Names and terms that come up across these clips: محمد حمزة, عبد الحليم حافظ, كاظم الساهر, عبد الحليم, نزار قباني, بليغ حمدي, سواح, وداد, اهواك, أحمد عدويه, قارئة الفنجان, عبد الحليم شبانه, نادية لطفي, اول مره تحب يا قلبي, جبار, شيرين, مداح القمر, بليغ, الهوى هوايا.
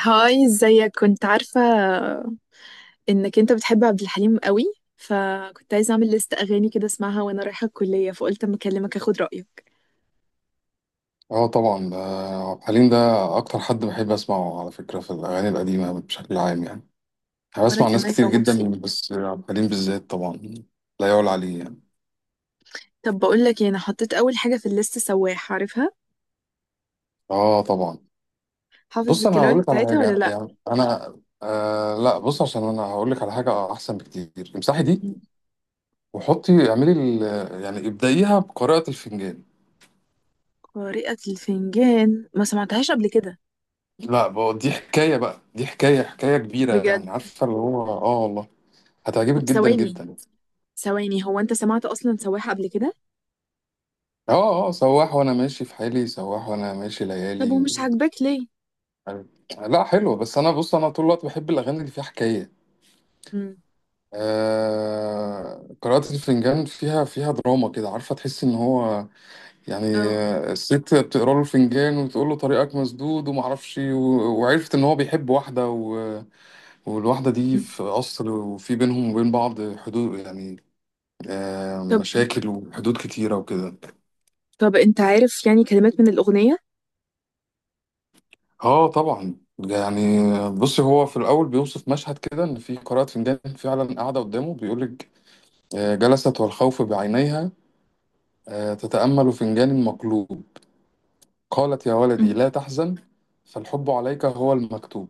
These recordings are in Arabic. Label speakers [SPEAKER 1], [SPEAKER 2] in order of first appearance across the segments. [SPEAKER 1] هاي، ازيك؟ كنت عارفة انك انت بتحب عبد الحليم قوي، فكنت عايزة اعمل لست اغاني كده اسمعها وانا رايحة الكلية، فقلت اما اكلمك اخد رأيك.
[SPEAKER 2] اه، طبعا. ده عبد الحليم ده اكتر حد بحب اسمعه، على فكره، في الاغاني القديمه بشكل عام يعني. انا
[SPEAKER 1] وانا
[SPEAKER 2] بسمع ناس
[SPEAKER 1] كمان
[SPEAKER 2] كتير
[SPEAKER 1] بموت فيه.
[SPEAKER 2] جدا، بس عبد الحليم بالذات طبعا لا يعلى عليه يعني.
[SPEAKER 1] طب بقول لك ايه، انا حطيت اول حاجة في الليست سواح، عارفها؟
[SPEAKER 2] اه طبعا.
[SPEAKER 1] حافظ
[SPEAKER 2] بص، انا
[SPEAKER 1] الكلمات
[SPEAKER 2] هقول لك على
[SPEAKER 1] بتاعتها ولا
[SPEAKER 2] حاجه
[SPEAKER 1] لا؟
[SPEAKER 2] يعني انا آه لا بص، عشان انا هقول لك على حاجه احسن بكتير. امسحي دي وحطي، اعملي يعني ابدأيها بقراءه الفنجان.
[SPEAKER 1] قارئة الفنجان ما سمعتهاش قبل كده.
[SPEAKER 2] لا بقى، دي حكايه بقى، دي حكايه كبيره
[SPEAKER 1] بجد؟
[SPEAKER 2] يعني، عارفه اللي هو اه والله،
[SPEAKER 1] طب
[SPEAKER 2] هتعجبك جدا
[SPEAKER 1] ثواني،
[SPEAKER 2] جدا.
[SPEAKER 1] ثواني، هو انت سمعت اصلا سواح قبل كده؟
[SPEAKER 2] اه، سواح وانا ماشي في حالي، سواح وانا ماشي
[SPEAKER 1] طب
[SPEAKER 2] ليالي
[SPEAKER 1] ومش
[SPEAKER 2] و...
[SPEAKER 1] عاجباك ليه؟
[SPEAKER 2] لا حلو، بس انا بص، انا طول الوقت بحب الاغاني اللي فيها حكايه.
[SPEAKER 1] امم.
[SPEAKER 2] آه... قراءة الفنجان فيها دراما كده، عارفه، تحس ان هو يعني،
[SPEAKER 1] اه.
[SPEAKER 2] الست بتقرا له الفنجان وتقول له طريقك مسدود وما اعرفش و... وعرفت ان هو بيحب واحده و... والواحده دي
[SPEAKER 1] مم.
[SPEAKER 2] في قصر، وفي بينهم وبين بعض حدود يعني.
[SPEAKER 1] طب.
[SPEAKER 2] مشاكل وحدود كتيره وكده.
[SPEAKER 1] طب انت عارف يعني كلمات من الاغنية؟
[SPEAKER 2] اه طبعا يعني. بصي، هو في الاول بيوصف مشهد كده، ان في قارئة فنجان فعلا قاعده قدامه، بيقول لك جلست والخوف بعينيها، تتامل فنجان مقلوب، قالت يا ولدي لا تحزن، فالحب عليك هو المكتوب.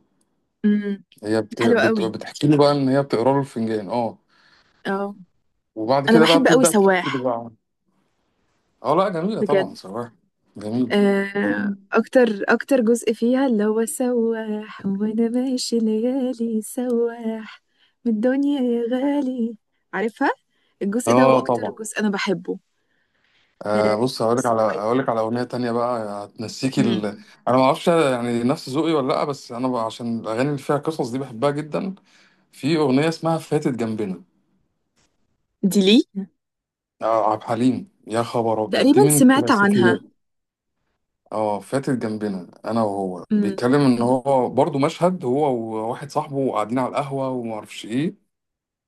[SPEAKER 1] امم.
[SPEAKER 2] هي
[SPEAKER 1] حلو قوي.
[SPEAKER 2] بتحكي له بقى ان هي بتقرا له الفنجان، اه.
[SPEAKER 1] اه.
[SPEAKER 2] وبعد
[SPEAKER 1] انا
[SPEAKER 2] كده بقى
[SPEAKER 1] بحب قوي
[SPEAKER 2] بتبدا تحكي له
[SPEAKER 1] سواح.
[SPEAKER 2] بقى. اه لا، جميله
[SPEAKER 1] بجد؟
[SPEAKER 2] طبعا صراحه. جميله.
[SPEAKER 1] اكتر جزء فيها، اللي هو سواح وانا ماشي ليالي سواح من الدنيا يا غالي، عارفها. الجزء ده هو
[SPEAKER 2] اه
[SPEAKER 1] اكتر
[SPEAKER 2] طبعا.
[SPEAKER 1] جزء انا بحبه.
[SPEAKER 2] بص، هقولك
[SPEAKER 1] بس
[SPEAKER 2] على
[SPEAKER 1] طيب.
[SPEAKER 2] هقولك على اغنيه تانية بقى هتنسيكي ال...
[SPEAKER 1] امم.
[SPEAKER 2] انا ما اعرفش يعني نفس ذوقي ولا لا، بس انا بقى عشان الاغاني اللي فيها قصص دي بحبها جدا. في اغنيه اسمها فاتت جنبنا.
[SPEAKER 1] دي ليه؟
[SPEAKER 2] آه، عبد الحليم يا خبر ابيض،
[SPEAKER 1] تقريبا
[SPEAKER 2] دي من
[SPEAKER 1] سمعت
[SPEAKER 2] الكلاسيكيات.
[SPEAKER 1] عنها.
[SPEAKER 2] اه، فاتت جنبنا. انا وهو
[SPEAKER 1] امم.
[SPEAKER 2] بيتكلم ان هو برضو مشهد، هو وواحد صاحبه قاعدين على القهوه وما اعرفش ايه.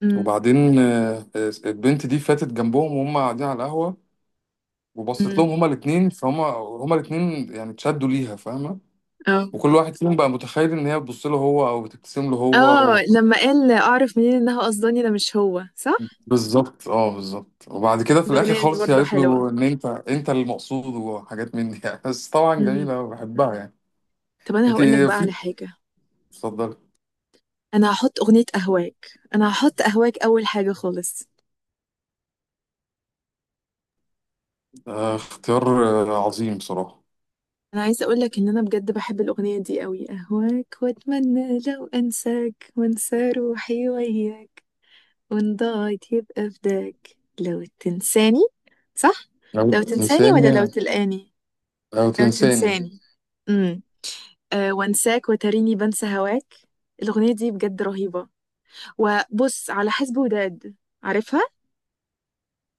[SPEAKER 1] امم.
[SPEAKER 2] وبعدين البنت دي فاتت جنبهم وهم قاعدين على القهوه، وبصت لهم
[SPEAKER 1] امم.
[SPEAKER 2] هما الاتنين، فهم الاتنين يعني اتشدوا ليها، فاهمه.
[SPEAKER 1] اه،
[SPEAKER 2] وكل واحد فيهم بقى متخيل ان هي بتبص له هو او بتبتسم له هو
[SPEAKER 1] اه،
[SPEAKER 2] و...
[SPEAKER 1] لما قال اعرف منين انها قصداني ده مش هو، صح؟
[SPEAKER 2] بالظبط، اه بالظبط. وبعد كده في الاخر
[SPEAKER 1] الاغنيه دي
[SPEAKER 2] خالص هي
[SPEAKER 1] برضو
[SPEAKER 2] قالت
[SPEAKER 1] حلوه.
[SPEAKER 2] له ان انت انت المقصود، وحاجات من دي يعني. بس طبعا
[SPEAKER 1] امم.
[SPEAKER 2] جميله، بحبها يعني.
[SPEAKER 1] طب انا
[SPEAKER 2] انت،
[SPEAKER 1] هقول لك بقى
[SPEAKER 2] في،
[SPEAKER 1] على حاجه.
[SPEAKER 2] اتفضلي.
[SPEAKER 1] انا هحط اغنية اهواك. انا هحط اهواك اول حاجة خالص.
[SPEAKER 2] آه اختيار. عظيم بصراحه.
[SPEAKER 1] انا عايزة اقولك ان انا بجد بحب الاغنية دي قوي. اهواك واتمنى لو انساك وانسى روحي وياك، وان ضاعت يبقى فداك، لو تنساني. صح؟
[SPEAKER 2] لو
[SPEAKER 1] لو تنساني ولا لو
[SPEAKER 2] تنساني.
[SPEAKER 1] تلقاني؟
[SPEAKER 2] لو
[SPEAKER 1] لو
[SPEAKER 2] تنساني.
[SPEAKER 1] تنساني. امم. أه، وانساك وتريني بنسى هواك. الاغنية دي بجد رهيبة. وبص على حسب وداد، عارفها؟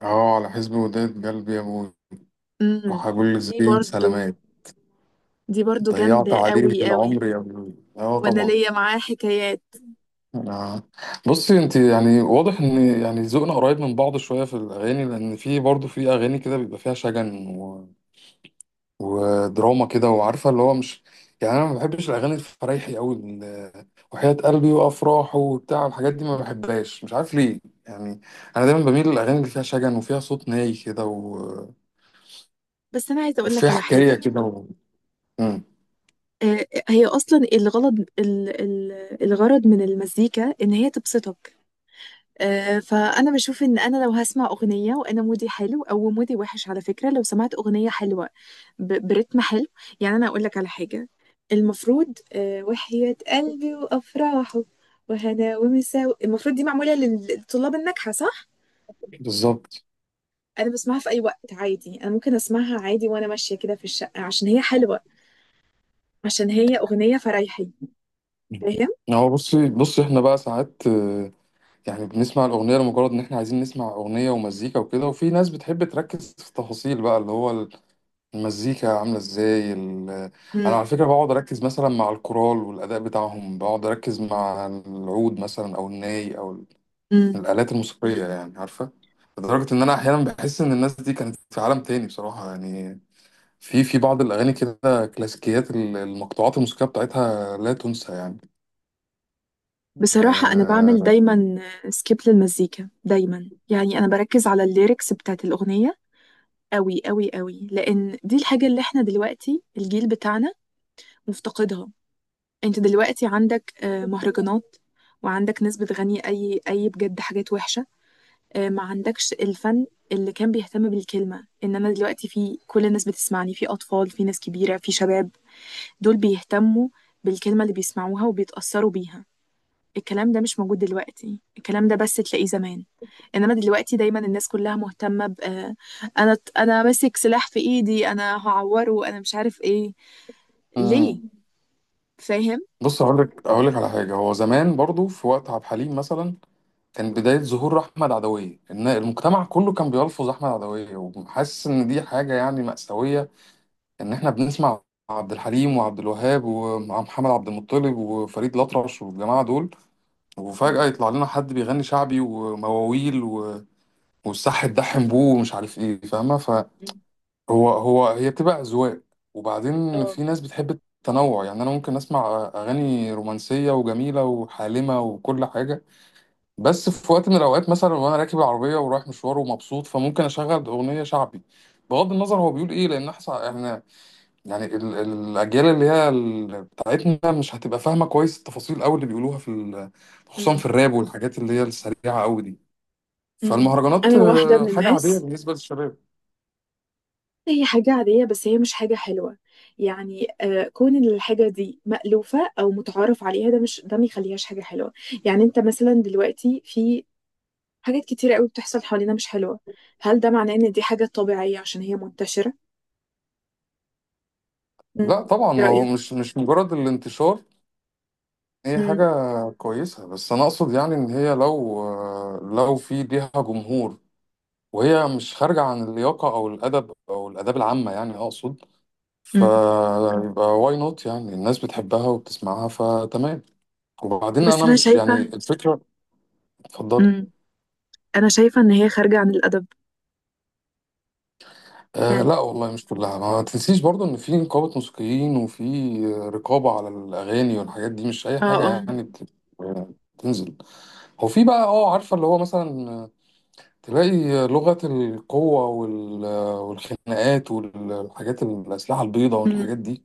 [SPEAKER 2] اه، على حزب وداد قلبي يا ابوي،
[SPEAKER 1] امم.
[SPEAKER 2] راح اقول
[SPEAKER 1] دي
[SPEAKER 2] لزبين
[SPEAKER 1] برضو
[SPEAKER 2] سلامات،
[SPEAKER 1] دي برضو
[SPEAKER 2] ضيعت
[SPEAKER 1] جامدة
[SPEAKER 2] عليه
[SPEAKER 1] قوي قوي.
[SPEAKER 2] العمر يا ابوي، اه
[SPEAKER 1] وانا
[SPEAKER 2] طبعا.
[SPEAKER 1] ليا معاه حكايات.
[SPEAKER 2] انا، بصي، انت يعني واضح ان يعني ذوقنا قريب من بعض شويه في الاغاني، لان في برضه في اغاني كده بيبقى فيها شجن و... ودراما كده، وعارفه اللي هو مش يعني، انا ما بحبش الاغاني الفرايحي قوي، ال- وحياة قلبي، وافراح، وبتاع، الحاجات دي ما بحبهاش، مش عارف ليه يعني. انا دايما بميل للاغاني اللي فيها شجن وفيها صوت ناي كده و...
[SPEAKER 1] بس انا عايزه اقول لك
[SPEAKER 2] وفيها
[SPEAKER 1] على
[SPEAKER 2] حكايه
[SPEAKER 1] حاجه.
[SPEAKER 2] كده و... مم.
[SPEAKER 1] هي اصلا الغرض الغرض من المزيكا ان هي تبسطك. فانا بشوف ان انا لو هسمع اغنيه وانا مودي حلو او مودي وحش، على فكره لو سمعت اغنيه حلوه برتم حلو. يعني انا اقول لك على حاجه، المفروض وحياة قلبي وافراحه وهنا ومساوي، المفروض دي معموله للطلاب الناجحه، صح؟
[SPEAKER 2] بالظبط.
[SPEAKER 1] انا بسمعها في اي وقت عادي، انا ممكن اسمعها عادي وانا ماشيه كده في الشقه عشان هي حلوه. عشان هي أغنية فريحي. فاهم؟
[SPEAKER 2] هو بصي بصي، احنا بقى ساعات يعني بنسمع الأغنية لمجرد إن إحنا عايزين نسمع أغنية ومزيكا وكده، وفي ناس بتحب تركز في التفاصيل بقى، اللي هو المزيكا عاملة إزاي ال... أنا
[SPEAKER 1] مم.
[SPEAKER 2] على فكرة بقعد أركز مثلا مع الكورال والأداء بتاعهم، بقعد أركز مع العود مثلا أو الناي أو ال-
[SPEAKER 1] مم.
[SPEAKER 2] الآلات الموسيقية يعني، عارفة. لدرجة إن أنا أحيانا بحس إن الناس دي كانت في عالم تاني بصراحة يعني. في بعض الأغاني كده، كلاسيكيات ال- المقطوعات الموسيقية بتاعتها لا تنسى يعني.
[SPEAKER 1] بصراحة أنا بعمل دايما سكيب للمزيكا دايما، يعني أنا بركز على الليركس بتاعت الأغنية أوي أوي أوي، لأن دي الحاجة اللي إحنا دلوقتي الجيل بتاعنا مفتقدها. أنت دلوقتي عندك مهرجانات، وعندك ناس بتغني أي بجد حاجات وحشة. ما عندكش الفن اللي كان بيهتم بالكلمة، إنما دلوقتي في كل الناس بتسمعني، في أطفال، في ناس كبيرة، في شباب، دول بيهتموا بالكلمة اللي بيسمعوها وبيتأثروا بيها. الكلام ده مش موجود دلوقتي، الكلام ده بس تلاقيه زمان. انما دلوقتي دايما الناس كلها مهتمة ب آه، انا ماسك سلاح في ايدي، انا هعوره، انا مش عارف ايه،
[SPEAKER 2] آه...
[SPEAKER 1] ليه؟ فاهم؟
[SPEAKER 2] بص، هقول لك على حاجه. هو زمان برضو في وقت عبد الحليم مثلا، كان بدايه ظهور احمد عدويه، ان المجتمع كله كان بيلفظ احمد عدويه، وحاسس ان دي حاجه يعني مأساويه، ان احنا بنسمع عبد الحليم وعبد الوهاب ومحمد عبد المطلب وفريد الأطرش والجماعه دول، وفجاه يطلع لنا حد بيغني شعبي ومواويل و... والصح تدحم بوه، ومش عارف ايه، فاهمه. هو هو هي بتبقى أذواق. وبعدين
[SPEAKER 1] اه.
[SPEAKER 2] في ناس بتحب التنوع يعني. أنا ممكن أسمع أغاني رومانسية وجميلة وحالمة وكل حاجة، بس في وقت من الأوقات مثلا، وأنا راكب العربية ورايح مشوار ومبسوط، فممكن أشغل أغنية شعبي، بغض النظر هو بيقول إيه. لأن إحنا يعني ال- الأجيال اللي هي ال- بتاعتنا مش هتبقى فاهمة كويس التفاصيل أوي اللي بيقولوها في ال- خصوصا في
[SPEAKER 1] مم.
[SPEAKER 2] الراب والحاجات اللي هي السريعة أوي دي.
[SPEAKER 1] مم.
[SPEAKER 2] فالمهرجانات
[SPEAKER 1] أنا واحدة من
[SPEAKER 2] حاجة عادية
[SPEAKER 1] الناس.
[SPEAKER 2] بالنسبة للشباب.
[SPEAKER 1] هي حاجة عادية بس هي مش حاجة حلوة. يعني كون إن الحاجة دي مألوفة أو متعارف عليها، ده ما يخليهاش حاجة حلوة. يعني أنت مثلا دلوقتي، في حاجات كتيرة قوي بتحصل حوالينا مش حلوة، هل ده معناه ان دي حاجة طبيعية عشان هي منتشرة؟ مم.
[SPEAKER 2] لا
[SPEAKER 1] ايه
[SPEAKER 2] طبعا، هو
[SPEAKER 1] رأيك؟
[SPEAKER 2] مش مجرد الانتشار. هي
[SPEAKER 1] مم.
[SPEAKER 2] حاجة كويسة، بس أنا أقصد يعني إن هي لو، لو في ليها جمهور، وهي مش خارجة عن اللياقة أو الأدب أو الآداب العامة يعني، أقصد
[SPEAKER 1] مم.
[SPEAKER 2] فيبقى واي نوت يعني، الناس بتحبها وبتسمعها فتمام. وبعدين
[SPEAKER 1] بس
[SPEAKER 2] أنا
[SPEAKER 1] انا
[SPEAKER 2] مش
[SPEAKER 1] شايفه.
[SPEAKER 2] يعني الفكرة. اتفضلي.
[SPEAKER 1] مم. انا شايفه ان هي خارجه عن الادب.
[SPEAKER 2] آه
[SPEAKER 1] يعني.
[SPEAKER 2] لا والله، مش كلها. ما تنسيش برضو إن في نقابة موسيقيين، وفي رقابة على الأغاني والحاجات دي. مش أي
[SPEAKER 1] اه،
[SPEAKER 2] حاجة
[SPEAKER 1] اه.
[SPEAKER 2] يعني بت- بتنزل. هو في بقى، اه عارفة اللي هو مثلا، تلاقي لغة القوة وال- والخناقات والحاجات، الأسلحة البيضاء
[SPEAKER 1] مم.
[SPEAKER 2] والحاجات دي.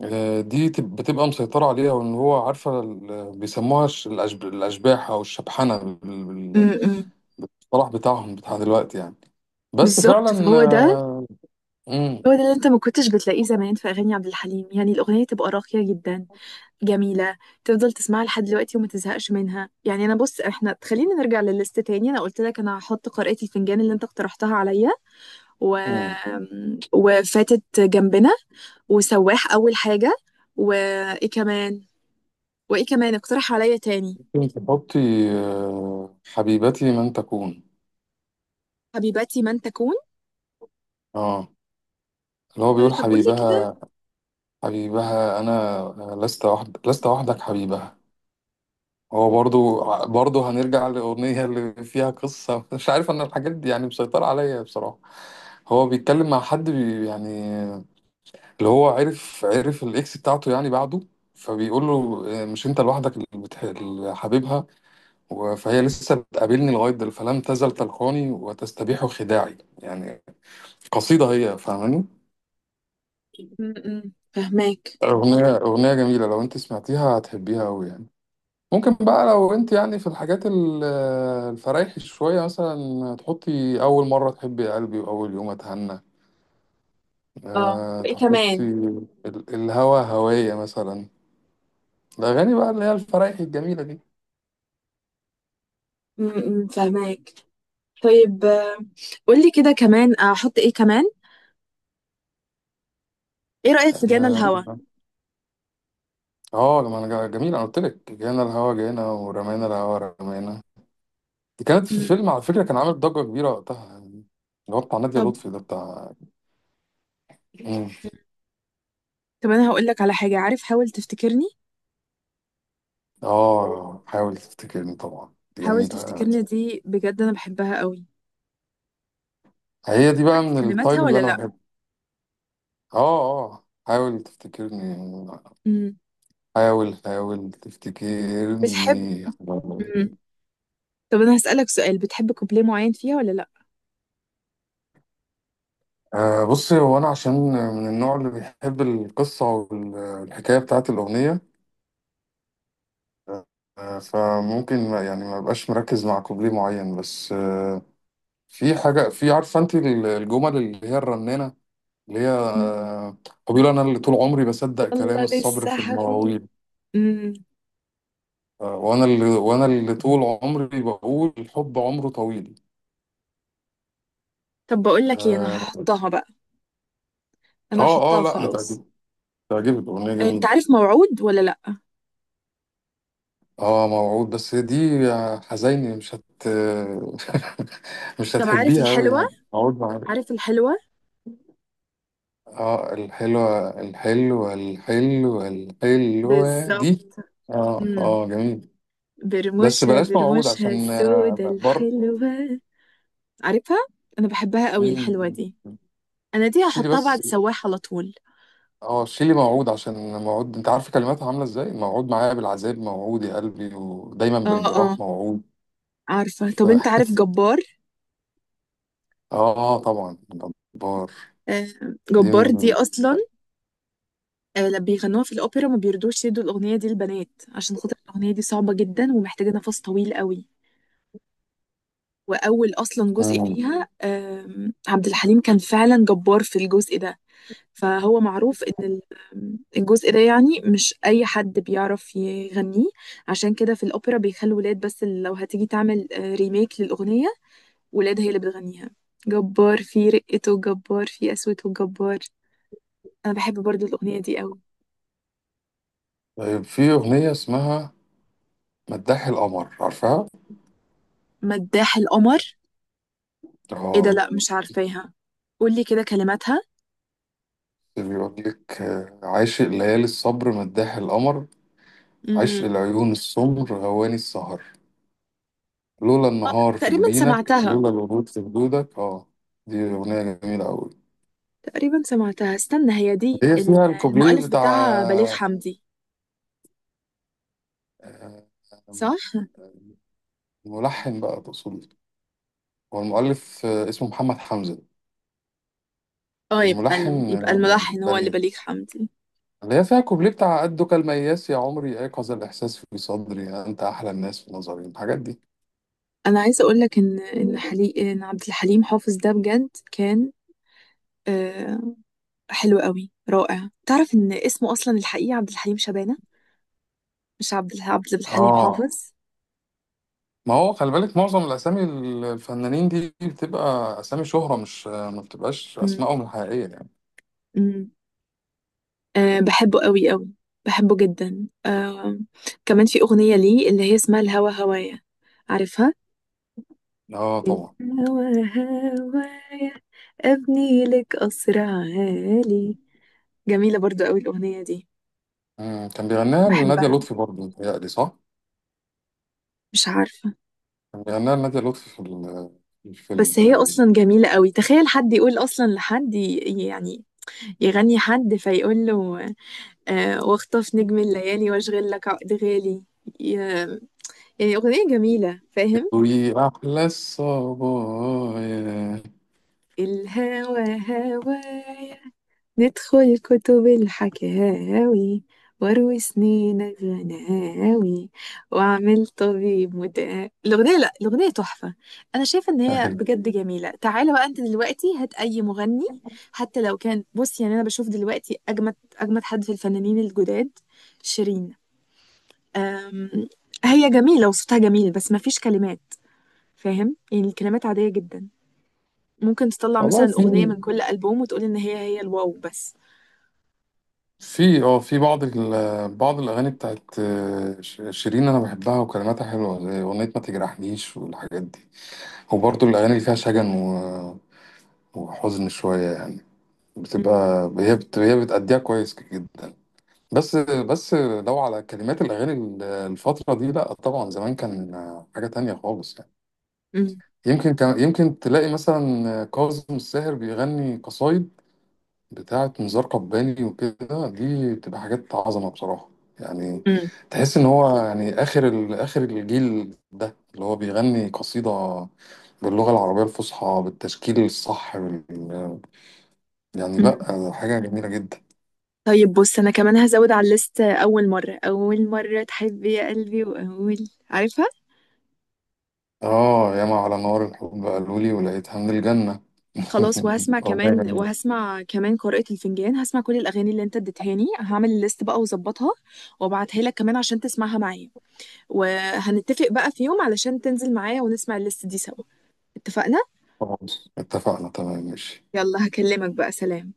[SPEAKER 2] دي تب- بتبقى مسيطرة عليها. وإن هو عارفة ال- بيسموها الش- الأشب- الأشباح أو الشبحنة
[SPEAKER 1] مم.
[SPEAKER 2] بال-
[SPEAKER 1] مم.
[SPEAKER 2] بالصلاح بتاعهم بتاع دلوقتي يعني. بس
[SPEAKER 1] بالظبط،
[SPEAKER 2] فعلا
[SPEAKER 1] فهو ده
[SPEAKER 2] مم،
[SPEAKER 1] هو ده اللي انت ما كنتش بتلاقيه زمان في اغاني عبد الحليم، يعني الاغنيه تبقى راقيه جدا. جميله. تفضل تسمعها لحد دلوقتي وما تزهقش منها، يعني انا، بص، احنا خلينا نرجع للليست تاني. انا قلت لك انا هحط قارئة الفنجان اللي انت اقترحتها عليا و...
[SPEAKER 2] مم.
[SPEAKER 1] وفاتت جنبنا وسواح اول حاجه. وايه كمان؟ وايه كمان اقترح عليا تاني؟
[SPEAKER 2] ممكن تحطي حبيبتي من تكون.
[SPEAKER 1] حبيبتي من تكون.
[SPEAKER 2] اه، اللي هو
[SPEAKER 1] أه،
[SPEAKER 2] بيقول
[SPEAKER 1] طب قولي كده.
[SPEAKER 2] حبيبها. حبيبها أنا، لست وحد، لست وحدك حبيبها. هو برضو هنرجع للأغنية اللي فيها قصة مش عارف أنا الحاجات دي يعني مسيطرة عليا بصراحة. هو بيتكلم مع حد بي يعني، اللي هو عرف الإكس بتاعته يعني بعده، فبيقول له مش أنت لوحدك اللي بتح- اللي حبيبها و- فهي لسه بتقابلني لغاية دل، فلم تزل تلقاني وتستبيح خداعي يعني، قصيدة. هي فاهماني.
[SPEAKER 1] م- م، فهماك.
[SPEAKER 2] أغنية جميلة، لو أنت سمعتيها هتحبيها أوي يعني. ممكن بقى لو انت يعني في الحاجات ال- الفرايح شوية مثلا، تحطي أول مرة تحبي يا قلبي، وأول يوم أتهنى.
[SPEAKER 1] اه،
[SPEAKER 2] أه،
[SPEAKER 1] وايه
[SPEAKER 2] تحطي
[SPEAKER 1] كمان؟
[SPEAKER 2] ال- الهوا هواية مثلا، الأغاني بقى اللي هي الفرايح الجميلة دي.
[SPEAKER 1] م- م، فهماك. طيب، قولي كده كمان احط ايه كمان. ايه رأيك في جانا الهوى؟
[SPEAKER 2] اه ما أنا جا- جميل. أنا قلت لك، جانا الهوا جانا ورمانا الهوا رمانا. دي كانت في فيلم
[SPEAKER 1] م،
[SPEAKER 2] على فكرة، كان عامل ضجة كبيرة وقتها يعني، اللي هو بتاع نادية
[SPEAKER 1] طب.
[SPEAKER 2] لطفي ده بتاع. مم.
[SPEAKER 1] طب انا هقول لك على حاجه، عارف حاول تفتكرني؟
[SPEAKER 2] اه، حاول تفتكرني، طبعا دي
[SPEAKER 1] حاول
[SPEAKER 2] جميلة.
[SPEAKER 1] تفتكرني دي بجد انا بحبها قوي.
[SPEAKER 2] هي دي بقى
[SPEAKER 1] عارف
[SPEAKER 2] من
[SPEAKER 1] كلماتها
[SPEAKER 2] التايب اللي
[SPEAKER 1] ولا
[SPEAKER 2] أنا
[SPEAKER 1] لا؟
[SPEAKER 2] بحبه. اه اه، حاول تفتكرني،
[SPEAKER 1] امم.
[SPEAKER 2] حاول
[SPEAKER 1] بتحب؟
[SPEAKER 2] تفتكرني.
[SPEAKER 1] امم. طب انا هسألك سؤال، بتحب كوبليه معين فيها ولا لا؟
[SPEAKER 2] آه، بصي، هو انا عشان من النوع اللي بيحب القصة والحكاية بتاعت الأغنية، آه فممكن ما يعني ما بقاش مركز مع كوبليه معين، بس آه في حاجة، في عارفة انت الجمل اللي هي الرنانة، اللي هي
[SPEAKER 1] امم.
[SPEAKER 2] آه، هو بيقول انا اللي طول عمري بصدق كلام
[SPEAKER 1] والله
[SPEAKER 2] الصبر
[SPEAKER 1] لسه
[SPEAKER 2] في
[SPEAKER 1] حبيبي.
[SPEAKER 2] المواويل،
[SPEAKER 1] امم.
[SPEAKER 2] آه وانا اللي طول عمري بقول الحب عمره طويل.
[SPEAKER 1] طب بقول لك ايه، انا
[SPEAKER 2] آه.
[SPEAKER 1] هحطها بقى. انا
[SPEAKER 2] اه اه
[SPEAKER 1] هحطها
[SPEAKER 2] لا،
[SPEAKER 1] خلاص.
[SPEAKER 2] هتعجبك. هتعجبك، اغنيه
[SPEAKER 1] انت
[SPEAKER 2] جميله.
[SPEAKER 1] عارف موعود ولا لا؟
[SPEAKER 2] اه موعود، بس دي يا حزيني مش هت مش
[SPEAKER 1] طب عارف
[SPEAKER 2] هتحبيها قوي
[SPEAKER 1] الحلوة؟
[SPEAKER 2] يعني، موعود معاك.
[SPEAKER 1] عارف الحلوة؟
[SPEAKER 2] اه، الحلوه الحلوه، الحلوه
[SPEAKER 1] بالظبط.
[SPEAKER 2] دي. اه
[SPEAKER 1] امم.
[SPEAKER 2] اه جميل. بس
[SPEAKER 1] برموشها
[SPEAKER 2] بلاش موعود
[SPEAKER 1] برموشها
[SPEAKER 2] عشان
[SPEAKER 1] السودة
[SPEAKER 2] بر.
[SPEAKER 1] الحلوة، عارفها. انا بحبها قوي
[SPEAKER 2] مم.
[SPEAKER 1] الحلوة دي. انا دي
[SPEAKER 2] شيلي
[SPEAKER 1] هحطها
[SPEAKER 2] بس،
[SPEAKER 1] بعد سواح على طول.
[SPEAKER 2] اه شيلي موعود، عشان موعود، انت عارف كلماتها عامله ازاي؟ موعود معايا بالعذاب، موعود يا قلبي، ودايما
[SPEAKER 1] اه، اه.
[SPEAKER 2] بالجراح موعود.
[SPEAKER 1] عارفة؟ طب انت
[SPEAKER 2] ف...
[SPEAKER 1] عارف جبار؟
[SPEAKER 2] اه طبعا، جبار.
[SPEAKER 1] آه،
[SPEAKER 2] دي
[SPEAKER 1] جبار
[SPEAKER 2] من...
[SPEAKER 1] دي اصلا، لما بيغنوها في الأوبرا ما بيرضوش يدوا الأغنية دي للبنات. عشان خاطر الأغنية دي صعبة جدا ومحتاجة نفس طويل قوي. وأول أصلا جزء
[SPEAKER 2] مم.
[SPEAKER 1] فيها عبد الحليم كان فعلا جبار في الجزء ده. فهو معروف إن ال- آم، الجزء ده يعني مش أي حد بيعرف يغنيه. عشان كده في الأوبرا بيخلوا ولاد بس اللي لو هتيجي تعمل ريميك للأغنية، ولاد هي اللي بتغنيها. جبار في رقته، جبار في قسوته، جبار. أنا بحب برضو الأغنية دي قوي.
[SPEAKER 2] طيب، في أغنية اسمها مداح القمر، عارفها؟
[SPEAKER 1] مداح القمر؟ ايه ده؟
[SPEAKER 2] اه،
[SPEAKER 1] لا مش عارفاها. قولي كده كلماتها.
[SPEAKER 2] بيقول لك عاشق ليالي الصبر، مداح القمر، عشق
[SPEAKER 1] امم.
[SPEAKER 2] العيون السمر، غواني السهر، لولا
[SPEAKER 1] اه،
[SPEAKER 2] النهار في
[SPEAKER 1] تقريبا
[SPEAKER 2] جبينك،
[SPEAKER 1] سمعتها.
[SPEAKER 2] لولا الورود في خدودك، اه. دي أغنية جميلة أوي.
[SPEAKER 1] تقريبا سمعتها، استنى، هي دي
[SPEAKER 2] هي فيها الكوبليه
[SPEAKER 1] المؤلف بتاعها بليغ
[SPEAKER 2] بتاع
[SPEAKER 1] حمدي؟
[SPEAKER 2] آه،
[SPEAKER 1] صح؟
[SPEAKER 2] الملحن بقى تقصد. هو المؤلف اسمه محمد حمزة،
[SPEAKER 1] اه، يبقى
[SPEAKER 2] الملحن
[SPEAKER 1] يبقى الملحن هو اللي
[SPEAKER 2] بليغ.
[SPEAKER 1] بليغ حمدي.
[SPEAKER 2] اللي هي فيها كوبليه بتاع قدك المياس يا عمري، أيقظ الإحساس في صدري، يعني أنت أحلى الناس في نظري، الحاجات دي.
[SPEAKER 1] انا عايزه اقول لك ان عبد الحليم حافظ ده بجد كان آه... حلو قوي رائع. تعرف ان اسمه اصلا الحقيقي عبد الحليم شبانه؟ مش عبد الحليم
[SPEAKER 2] اه،
[SPEAKER 1] حافظ.
[SPEAKER 2] ما هو خلي بالك معظم الأسامي الفنانين دي بتبقى أسامي شهرة، مش ما بتبقاش أسمائهم الحقيقية يعني.
[SPEAKER 1] امم. أه، بحبه قوي قوي. بحبه جدا، أه. كمان في أغنية ليه اللي هي اسمها الهوى هوايا، عارفها؟
[SPEAKER 2] آه طبعا.
[SPEAKER 1] الهوى هوايا، أبني لك قصر عالي. جميلة برضو قوي الأغنية دي.
[SPEAKER 2] مم. كان بيغنيها
[SPEAKER 1] بحبها.
[SPEAKER 2] لنادية لطفي برضه، متهيألي صح؟
[SPEAKER 1] مش عارفة.
[SPEAKER 2] كان بيغنيها لنادية لطفي في ال- في الفيلم
[SPEAKER 1] بس هي
[SPEAKER 2] تقريبا.
[SPEAKER 1] أصلا جميلة قوي، تخيل حد يقول أصلا لحد يعني يغني حد فيقول له أه، واخطف نجم الليالي واشغل لك عقد غالي، ي- يعني أغنية جميلة، فاهم؟
[SPEAKER 2] وي أحلى الصبايا.
[SPEAKER 1] الهوى هوايا، ندخل كتب الحكاوي واروي سنين الغناوي واعمل طبيب مداوي. الاغنيه، لا، الاغنيه تحفه. انا شايفه ان هي
[SPEAKER 2] أهي.
[SPEAKER 1] بجد جميله. تعالى بقى انت دلوقتي هات اي مغني، حتى لو كان، بص يعني انا بشوف دلوقتي اجمد اجمد حد في الفنانين الجداد، شيرين. أم... هي جميله وصوتها جميل بس ما فيش كلمات، فاهم؟ يعني الكلمات عاديه جدا. ممكن تطلع
[SPEAKER 2] والله
[SPEAKER 1] مثلا
[SPEAKER 2] في،
[SPEAKER 1] اغنيه من كل البوم وتقول ان هي الواو بس.
[SPEAKER 2] في بعض ال- بعض الاغاني بتاعت ش- شيرين انا بحبها، وكلماتها حلوه، زي اغنيه ما تجرحنيش والحاجات دي، وبرضه الاغاني اللي فيها شجن و- وحزن شويه يعني،
[SPEAKER 1] مم.
[SPEAKER 2] بتبقى هي بت... هي بتأديها كويس جدا. بس لو على كلمات الاغاني ال- الفتره دي لا طبعا، زمان كان حاجه تانية خالص يعني. يمكن كان، يمكن تلاقي مثلا كاظم الساهر بيغني قصايد بتاعة نزار قباني وكده، دي بتبقى حاجات عظمة بصراحة يعني.
[SPEAKER 1] مم.
[SPEAKER 2] تحس إن هو يعني آخر ال... آخر الجيل ده اللي هو بيغني قصيدة باللغة العربية الفصحى بالتشكيل الصح بال... يعني
[SPEAKER 1] مم.
[SPEAKER 2] لأ، حاجة جميلة جدا.
[SPEAKER 1] طيب، بص، انا كمان هزود على الليست اول مره تحب يا قلبي واول، عارفها.
[SPEAKER 2] آه ياما على نار الحب قالولي، ولقيتها من الجنة
[SPEAKER 1] خلاص، وهسمع
[SPEAKER 2] أغنية
[SPEAKER 1] كمان
[SPEAKER 2] جميلة.
[SPEAKER 1] وهسمع كمان قارئة الفنجان. هسمع كل الاغاني اللي انت اديتهاني، هعمل الليست بقى واظبطها وابعتها لك كمان عشان تسمعها معايا، وهنتفق بقى في يوم علشان تنزل معايا ونسمع الليست دي سوا. اتفقنا؟
[SPEAKER 2] خلاص، اتفقنا، تمام، ماشي.
[SPEAKER 1] يلا، هكلمك بقى. سلام.